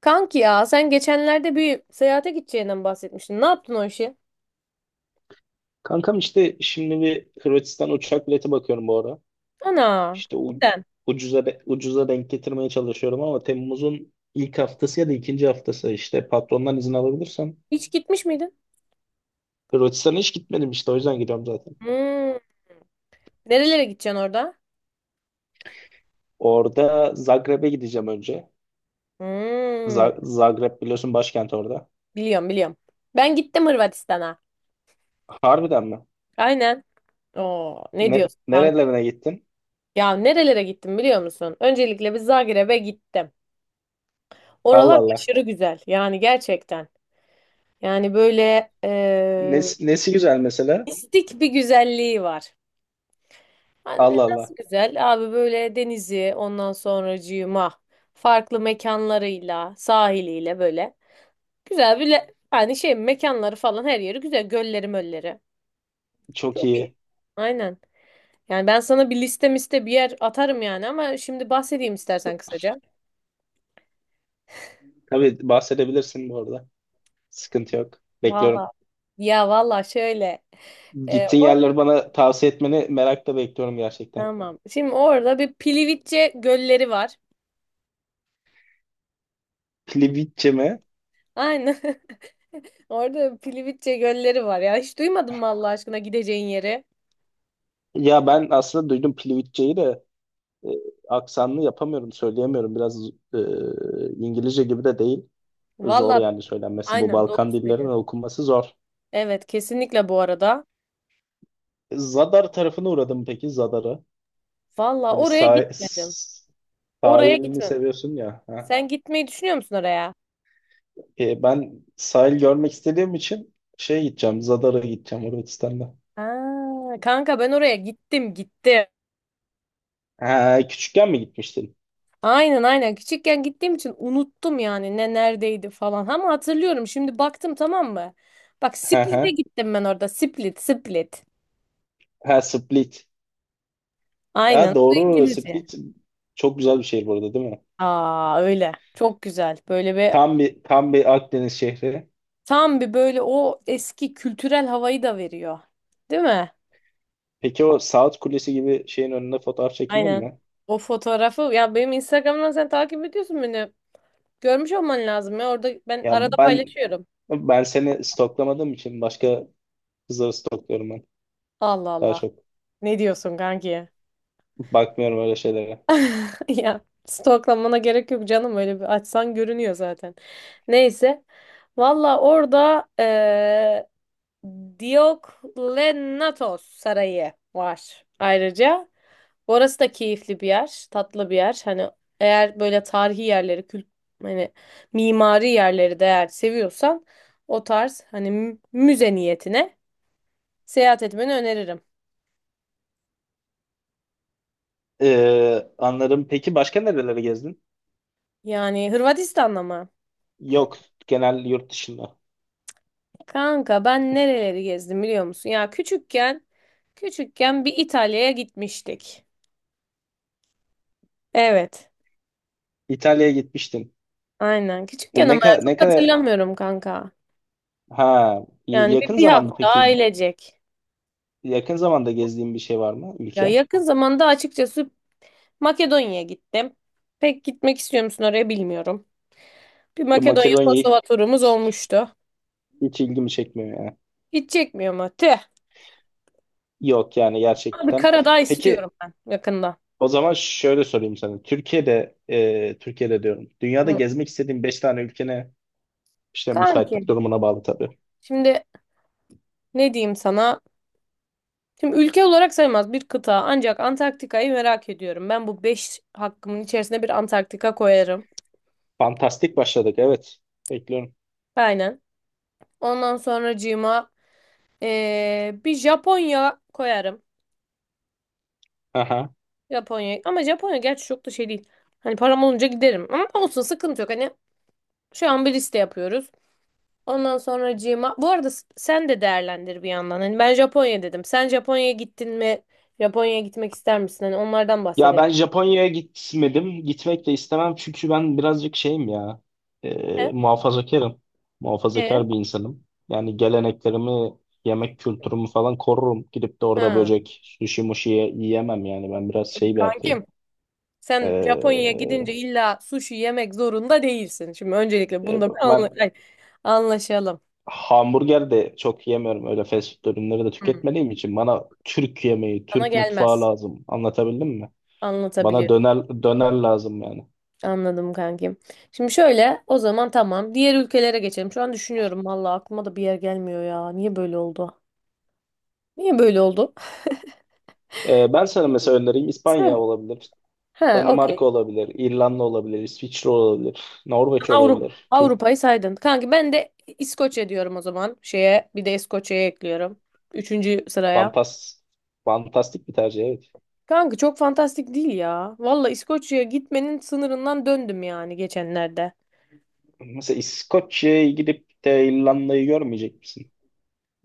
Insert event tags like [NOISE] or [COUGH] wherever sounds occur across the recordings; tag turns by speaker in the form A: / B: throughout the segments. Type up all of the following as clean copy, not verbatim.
A: Kanki ya sen geçenlerde bir seyahate gideceğinden bahsetmiştin. Ne yaptın o işi?
B: Kankam işte şimdi bir Hırvatistan uçak bileti bakıyorum bu ara.
A: Ana.
B: İşte
A: Neden?
B: ucuza denk getirmeye çalışıyorum ama Temmuz'un ilk haftası ya da ikinci haftası işte patrondan izin alabilirsem.
A: Hiç gitmiş miydin?
B: Hırvatistan'a hiç gitmedim, işte o yüzden gidiyorum zaten.
A: Hmm. Nerelere gideceksin orada?
B: Orada Zagreb'e gideceğim önce.
A: Hmm.
B: Zagreb biliyorsun, başkent orada.
A: Biliyorum biliyorum. Ben gittim Hırvatistan'a.
B: Harbiden mi?
A: Aynen. Oo, ne diyorsun kanka?
B: Nerelerine gittin?
A: Ya nerelere gittim biliyor musun? Öncelikle bir Zagreb'e gittim.
B: Allah
A: Oralar
B: Allah.
A: aşırı güzel. Yani gerçekten. Yani böyle
B: Nesi, nesi güzel mesela?
A: mistik bir güzelliği var. Anne
B: Allah
A: nasıl
B: Allah.
A: güzel. Abi böyle denizi, ondan sonracığıma farklı mekanlarıyla, sahiliyle, böyle güzel bir yani şey mekanları falan, her yeri güzel. Gölleri mölleri.
B: Çok
A: Çok iyi.
B: iyi.
A: Aynen. Yani ben sana bir liste miste bir yer atarım yani, ama şimdi bahsedeyim istersen kısaca.
B: Tabii bahsedebilirsin bu arada. Sıkıntı yok. Bekliyorum.
A: Valla. Ya valla şöyle.
B: Gittiğin
A: Or
B: yerleri bana tavsiye etmeni merakla bekliyorum gerçekten.
A: Tamam. Şimdi orada bir Pilivitçe gölleri var.
B: Plivitçe mi?
A: Aynen. [LAUGHS] Orada Pilivitçe gölleri var ya. Hiç duymadın mı Allah aşkına gideceğin yeri?
B: Ya ben aslında duydum Plivitçe'yi de, e, aksanlı yapamıyorum, söyleyemiyorum. Biraz e, İngilizce gibi de değil. Zor
A: Valla
B: yani söylenmesi. Bu
A: aynen doğru
B: Balkan dillerinin
A: söylüyorsun.
B: okunması zor.
A: Evet, kesinlikle bu arada.
B: Zadar tarafına uğradım, peki Zadar'a.
A: Valla
B: Hani
A: oraya gitmedim. Oraya
B: sahilini
A: gitmem.
B: seviyorsun ya. Ha.
A: Sen gitmeyi düşünüyor musun oraya?
B: Ben sahil görmek istediğim için Zadar'a gideceğim Hırvatistan'da.
A: Aa, kanka ben oraya gittim gittim.
B: Ha, küçükken mi gitmiştin?
A: Aynen aynen, küçükken gittiğim için unuttum yani ne neredeydi falan. Ama hatırlıyorum, şimdi baktım, tamam mı? Bak,
B: Ha, ha.
A: Split'e gittim ben orada. Split Split.
B: Ha, Split. Ha,
A: Aynen, bu
B: doğru,
A: İngilizce.
B: Split çok güzel bir şehir burada, değil mi?
A: Aa, öyle. Çok güzel. Böyle bir
B: Tam bir Akdeniz şehri.
A: Tam bir, böyle o eski kültürel havayı da veriyor. Değil mi?
B: Peki o Saat Kulesi gibi şeyin önünde fotoğraf çekildin
A: Aynen.
B: mi?
A: O fotoğrafı ya, benim Instagram'dan sen takip ediyorsun beni. Görmüş olman lazım ya. Orada ben
B: Ya
A: arada
B: ben
A: paylaşıyorum.
B: ben seni stoklamadığım için başka kızları stokluyorum ben.
A: Allah
B: Daha
A: Allah.
B: çok
A: Ne diyorsun kanki?
B: bakmıyorum öyle şeylere.
A: [LAUGHS] Ya, stoklamana gerek yok canım, öyle bir açsan görünüyor zaten. Neyse. Valla orada Dioklenatos Sarayı var ayrıca. Orası da keyifli bir yer, tatlı bir yer. Hani eğer böyle tarihi yerleri, hani mimari yerleri de eğer seviyorsan, o tarz hani müze niyetine seyahat etmeni öneririm.
B: Anladım. Peki başka nerelere gezdin?
A: Yani Hırvatistan'da mı?
B: Yok, genel yurt dışında.
A: Kanka ben nereleri gezdim biliyor musun? Ya, küçükken bir İtalya'ya gitmiştik. Evet.
B: İtalya'ya gitmiştin.
A: Aynen. Küçükken, ama
B: Ne
A: ya
B: kadar
A: çok
B: ne kadar
A: hatırlamıyorum kanka.
B: ha y-
A: Yani bir,
B: yakın
A: bir
B: zamanda
A: hafta
B: peki
A: ailecek.
B: yakın zamanda gezdiğin bir şey var mı,
A: Ya,
B: ülke?
A: yakın zamanda açıkçası Makedonya'ya gittim. Pek gitmek istiyor musun oraya bilmiyorum. Bir
B: Ya
A: Makedonya
B: Makedonya
A: Kosova turumuz olmuştu.
B: hiç ilgimi çekmiyor ya.
A: Hiç çekmiyor mu? Tüh.
B: Yok yani,
A: Abi,
B: gerçekten.
A: Karadağ istiyorum
B: Peki
A: ben yakında.
B: o zaman şöyle sorayım sana. Türkiye'de diyorum. Dünyada
A: Hı.
B: gezmek istediğin 5 tane ülkene işte
A: Kanki.
B: müsaitlik durumuna bağlı tabii.
A: Şimdi ne diyeyim sana? Şimdi ülke olarak sayılmaz, bir kıta, ancak Antarktika'yı merak ediyorum. Ben bu 5 hakkımın içerisine bir Antarktika koyarım.
B: Fantastik başladık, evet. Bekliyorum.
A: Aynen. Ondan sonracığıma bir Japonya koyarım.
B: Aha.
A: Japonya. Ama Japonya gerçi çok da şey değil. Hani param olunca giderim. Ama olsun, sıkıntı yok. Hani şu an bir liste yapıyoruz. Ondan sonra Cima. Bu arada sen de değerlendir bir yandan. Hani ben Japonya dedim. Sen Japonya'ya gittin mi? Japonya'ya gitmek ister misin? Hani onlardan
B: Ya
A: bahsedelim.
B: ben Japonya'ya gitmedim. Gitmek de istemem çünkü ben birazcık şeyim ya. E,
A: E?
B: muhafazakarım.
A: E?
B: Muhafazakar bir insanım. Yani geleneklerimi, yemek kültürümü falan korurum. Gidip de orada
A: Ha.
B: böcek, sushi muşi yiyemem yani. Ben biraz
A: Şimdi
B: şey bir erkeğim.
A: kankim, sen Japonya'ya
B: Ee,
A: gidince illa sushi yemek zorunda değilsin. Şimdi öncelikle
B: e,
A: bunu da bir
B: ben
A: anlaşalım.
B: hamburger de çok yemiyorum. Öyle fast food ürünleri de
A: Hı.
B: tüketmediğim için bana Türk yemeği,
A: Sana
B: Türk mutfağı
A: gelmez.
B: lazım. Anlatabildim mi? Bana
A: Anlatabiliyor.
B: döner döner lazım yani.
A: Anladım kankim. Şimdi şöyle o zaman, tamam. Diğer ülkelere geçelim. Şu an düşünüyorum, valla aklıma da bir yer gelmiyor ya. Niye böyle oldu? Niye böyle oldu?
B: Ben sana mesela önereyim, İspanya
A: Evet.
B: olabilir,
A: He, okey.
B: Danimarka olabilir, İrlanda olabilir, İsviçre olabilir, Norveç
A: Avrupa.
B: olabilir.
A: Avrupa'yı saydın. Kanki, ben de İskoçya diyorum o zaman. Şeye, bir de İskoçya'ya ekliyorum. Üçüncü sıraya.
B: Fantas, fantastik bir tercih, evet.
A: Kanka, çok fantastik değil ya. Valla İskoçya'ya gitmenin sınırından döndüm yani geçenlerde.
B: Mesela İskoçya'ya gidip de İrlanda'yı görmeyecek misin?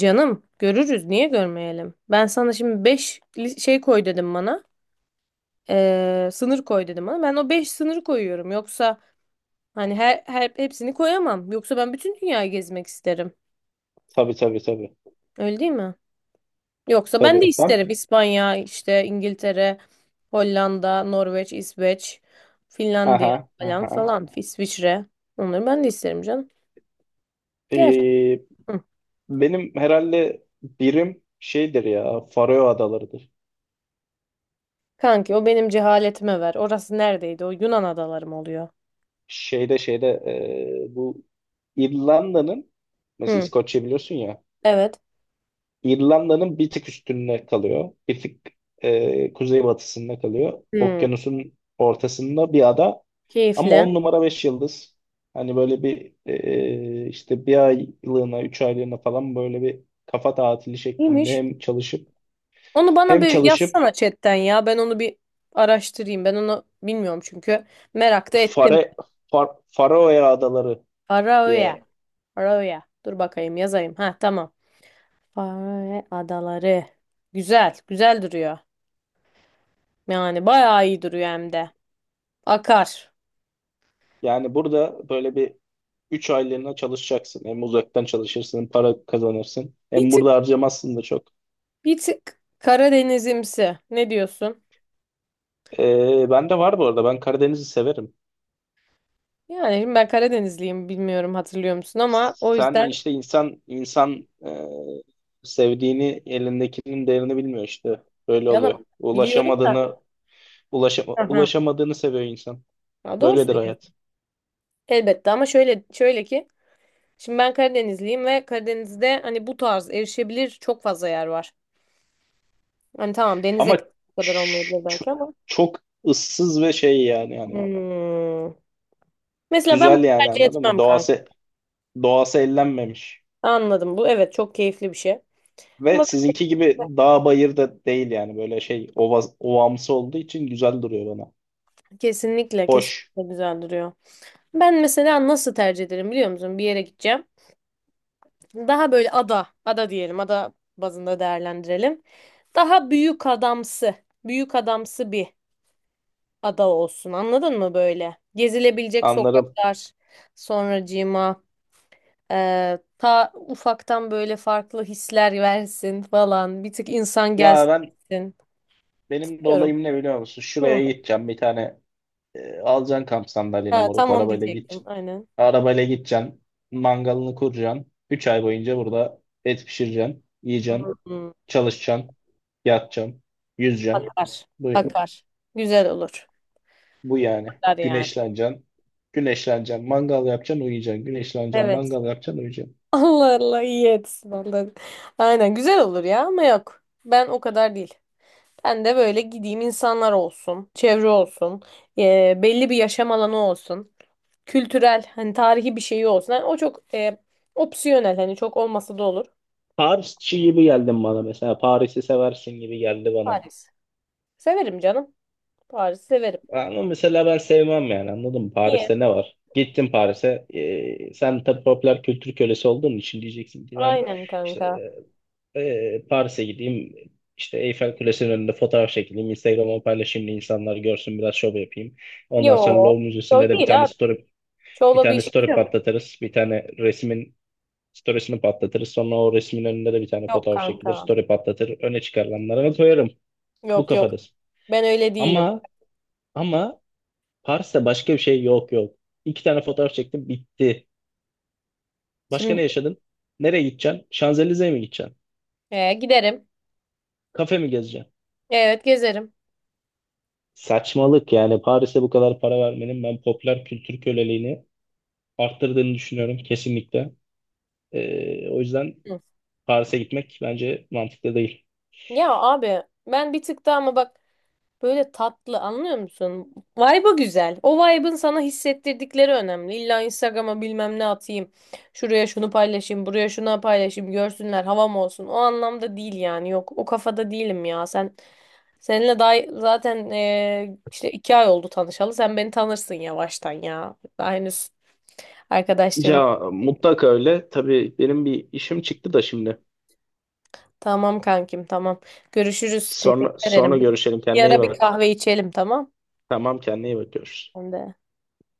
A: Canım, görürüz, niye görmeyelim? Ben sana şimdi 5 şey koy dedim bana. Sınır koy dedim, ama ben o 5 sınırı koyuyorum. Yoksa hani her hepsini koyamam. Yoksa ben bütün dünyayı gezmek isterim.
B: Tabii tabii tabii.
A: Öyle değil mi? Yoksa ben de
B: Tabii ben,
A: isterim: İspanya, işte İngiltere, Hollanda, Norveç, İsveç, Finlandiya
B: aha
A: falan
B: aha.
A: falan, İsviçre. Onları ben de isterim canım. Gel.
B: Ee,
A: Hı.
B: Benim herhalde birim şeydir ya, Faroe Adaları'dır.
A: Kanki, o benim cehaletime ver. Orası neredeydi? O Yunan adaları mı oluyor?
B: Şeyde, bu İrlanda'nın, mesela
A: Hı.
B: İskoçya biliyorsun ya,
A: Evet.
B: İrlanda'nın bir tık üstünde kalıyor. Bir tık kuzeybatısında kalıyor.
A: Hı.
B: Okyanusun ortasında bir ada ama
A: Keyifli.
B: 10 numara, 5 yıldız. Hani böyle bir, işte bir aylığına, 3 aylığına falan, böyle bir kafa tatili şeklinde
A: İyiymiş.
B: hem çalışıp
A: Onu bana
B: hem
A: bir
B: çalışıp
A: yazsana chatten ya. Ben onu bir araştırayım. Ben onu bilmiyorum çünkü. Merak da ettim.
B: Fare, Faroe Adaları
A: Faroe.
B: diye.
A: Faroe. Dur bakayım yazayım. Ha, tamam. Faroe adaları. Güzel. Güzel duruyor. Yani bayağı iyi duruyor hem de. Akar.
B: Yani burada böyle bir 3 aylığına çalışacaksın. Hem uzaktan çalışırsın, hem para kazanırsın.
A: Bir
B: Hem
A: tık
B: burada harcamazsın da çok.
A: bir tık Karadenizimsi. Ne diyorsun?
B: Ben de var bu arada. Ben Karadeniz'i severim.
A: Yani şimdi ben Karadenizliyim, bilmiyorum hatırlıyor musun, ama o
B: Sen
A: yüzden
B: işte insan insan, sevdiğini elindekinin değerini bilmiyor işte. Böyle oluyor.
A: yalan, biliyorum da.
B: Ulaşamadığını ulaşama,
A: Hı hı.
B: ulaşamadığını seviyor insan.
A: Ya, doğru
B: Böyledir
A: söylüyorsun.
B: hayat.
A: Elbette, ama şöyle ki, şimdi ben Karadenizliyim ve Karadeniz'de hani bu tarz erişebilir çok fazla yer var. Hani tamam, denize
B: Ama ç-
A: bu kadar olmayabilir belki,
B: ç-
A: ama.
B: çok ıssız ve şey, yani
A: Hmm. Mesela ben bunu
B: güzel yani,
A: tercih
B: anladın mı?
A: etmem kanka.
B: Doğası ellenmemiş.
A: Anladım, bu evet çok keyifli bir şey.
B: Ve
A: Ama
B: sizinki gibi dağ bayır da değil, yani böyle şey, ova, ovamsı olduğu için güzel duruyor bana.
A: kesinlikle
B: Hoş,
A: kesinlikle güzel duruyor. Ben mesela nasıl tercih ederim biliyor musun? Bir yere gideceğim. Daha böyle ada, ada diyelim, ada bazında değerlendirelim. Daha büyük adamsı, büyük adamsı bir ada olsun. Anladın mı böyle? Gezilebilecek
B: anlarım.
A: sokaklar, sonracığıma ta ufaktan böyle farklı hisler versin falan. Bir tık insan
B: Ya
A: gelsin,
B: ben,
A: gitsin.
B: benim de
A: Diyorum.
B: olayım ne, biliyor musun?
A: Hı.
B: Şuraya gideceğim bir tane, alacaksın kamp sandalyeni,
A: Ha,
B: moruk,
A: tam onu
B: arabayla git.
A: diyecektim. Aynen.
B: Arabayla gideceksin, mangalını kuracaksın. 3 ay boyunca burada et pişireceksin. Yiyeceksin.
A: Hı.
B: Çalışacaksın. Yatacaksın. Yüzeceksin.
A: Akar.
B: Bu,
A: Akar. Güzel olur.
B: bu yani.
A: Akar yani.
B: Güneşleneceksin. Güneşleneceksin. Mangal yapacaksın, uyuyacaksın. Güneşleneceksin.
A: Evet.
B: Mangal yapacaksın, uyuyacaksın.
A: [LAUGHS] Allah Allah, iyi etsin Allah. Aynen, güzel olur ya, ama yok. Ben o kadar değil. Ben de böyle gideyim, insanlar olsun, çevre olsun, belli bir yaşam alanı olsun. Kültürel, hani tarihi bir şeyi olsun. Hani o çok opsiyonel, hani çok olmasa da olur.
B: Parisçi gibi geldin bana mesela. Paris'i seversin gibi geldi bana.
A: Paris. Severim canım. Paris severim.
B: Ama mesela ben sevmem, yani anladın mı?
A: Niye?
B: Paris'te ne var? Gittin Paris'e. Sen tabii popüler kültür kölesi olduğun için diyeceksin ki ben
A: Aynen
B: işte,
A: kanka.
B: Paris'e gideyim. İşte Eyfel Kulesi'nin önünde fotoğraf çekileyim. Instagram'a paylaşayım da insanlar görsün, biraz şov yapayım. Ondan sonra
A: Yo.
B: Louvre Müzesi'nde
A: Yo
B: de bir
A: değil
B: tane
A: abi.
B: story bir
A: Şovla bir
B: tane
A: işimiz
B: story
A: yok.
B: patlatırız. Bir tane resmin storiesini patlatırız. Sonra o resmin önünde de bir tane
A: Yok
B: fotoğraf çekilir.
A: kanka.
B: Story patlatır. Öne çıkarılanlara koyarım. Bu
A: Yok yok.
B: kafadasın.
A: Ben öyle değilim.
B: Ama ama Paris'te başka bir şey yok, yok. İki tane fotoğraf çektim, bitti. Başka ne
A: Şimdi
B: yaşadın? Nereye gideceksin? Şanzelize'ye mi gideceksin?
A: giderim.
B: Kafe mi gezeceksin?
A: Evet, gezerim.
B: Saçmalık yani, Paris'e bu kadar para vermenin ben popüler kültür köleliğini arttırdığını düşünüyorum kesinlikle. O yüzden
A: Hı.
B: Paris'e gitmek bence mantıklı değil.
A: Ya abi, ben bir tık daha, ama bak, böyle tatlı, anlıyor musun? Vibe'ı güzel. O vibe'ın sana hissettirdikleri önemli. İlla Instagram'a bilmem ne atayım. Şuraya şunu paylaşayım, buraya şunu paylaşayım, görsünler, havam olsun. O anlamda değil yani. Yok, o kafada değilim ya. Seninle daha zaten işte 2 ay oldu tanışalı. Sen beni tanırsın yavaştan ya. Daha henüz arkadaşlığımız.
B: Ya mutlaka öyle. Tabii benim bir işim çıktı da şimdi.
A: Tamam kankim, tamam. Görüşürüz.
B: Sonra
A: Teşekkür ederim.
B: sonra
A: Bir
B: görüşelim.
A: bir
B: Kendine iyi
A: ara bir
B: bak.
A: kahve içelim, tamam.
B: Tamam, kendine iyi bakıyoruz.
A: Ben de.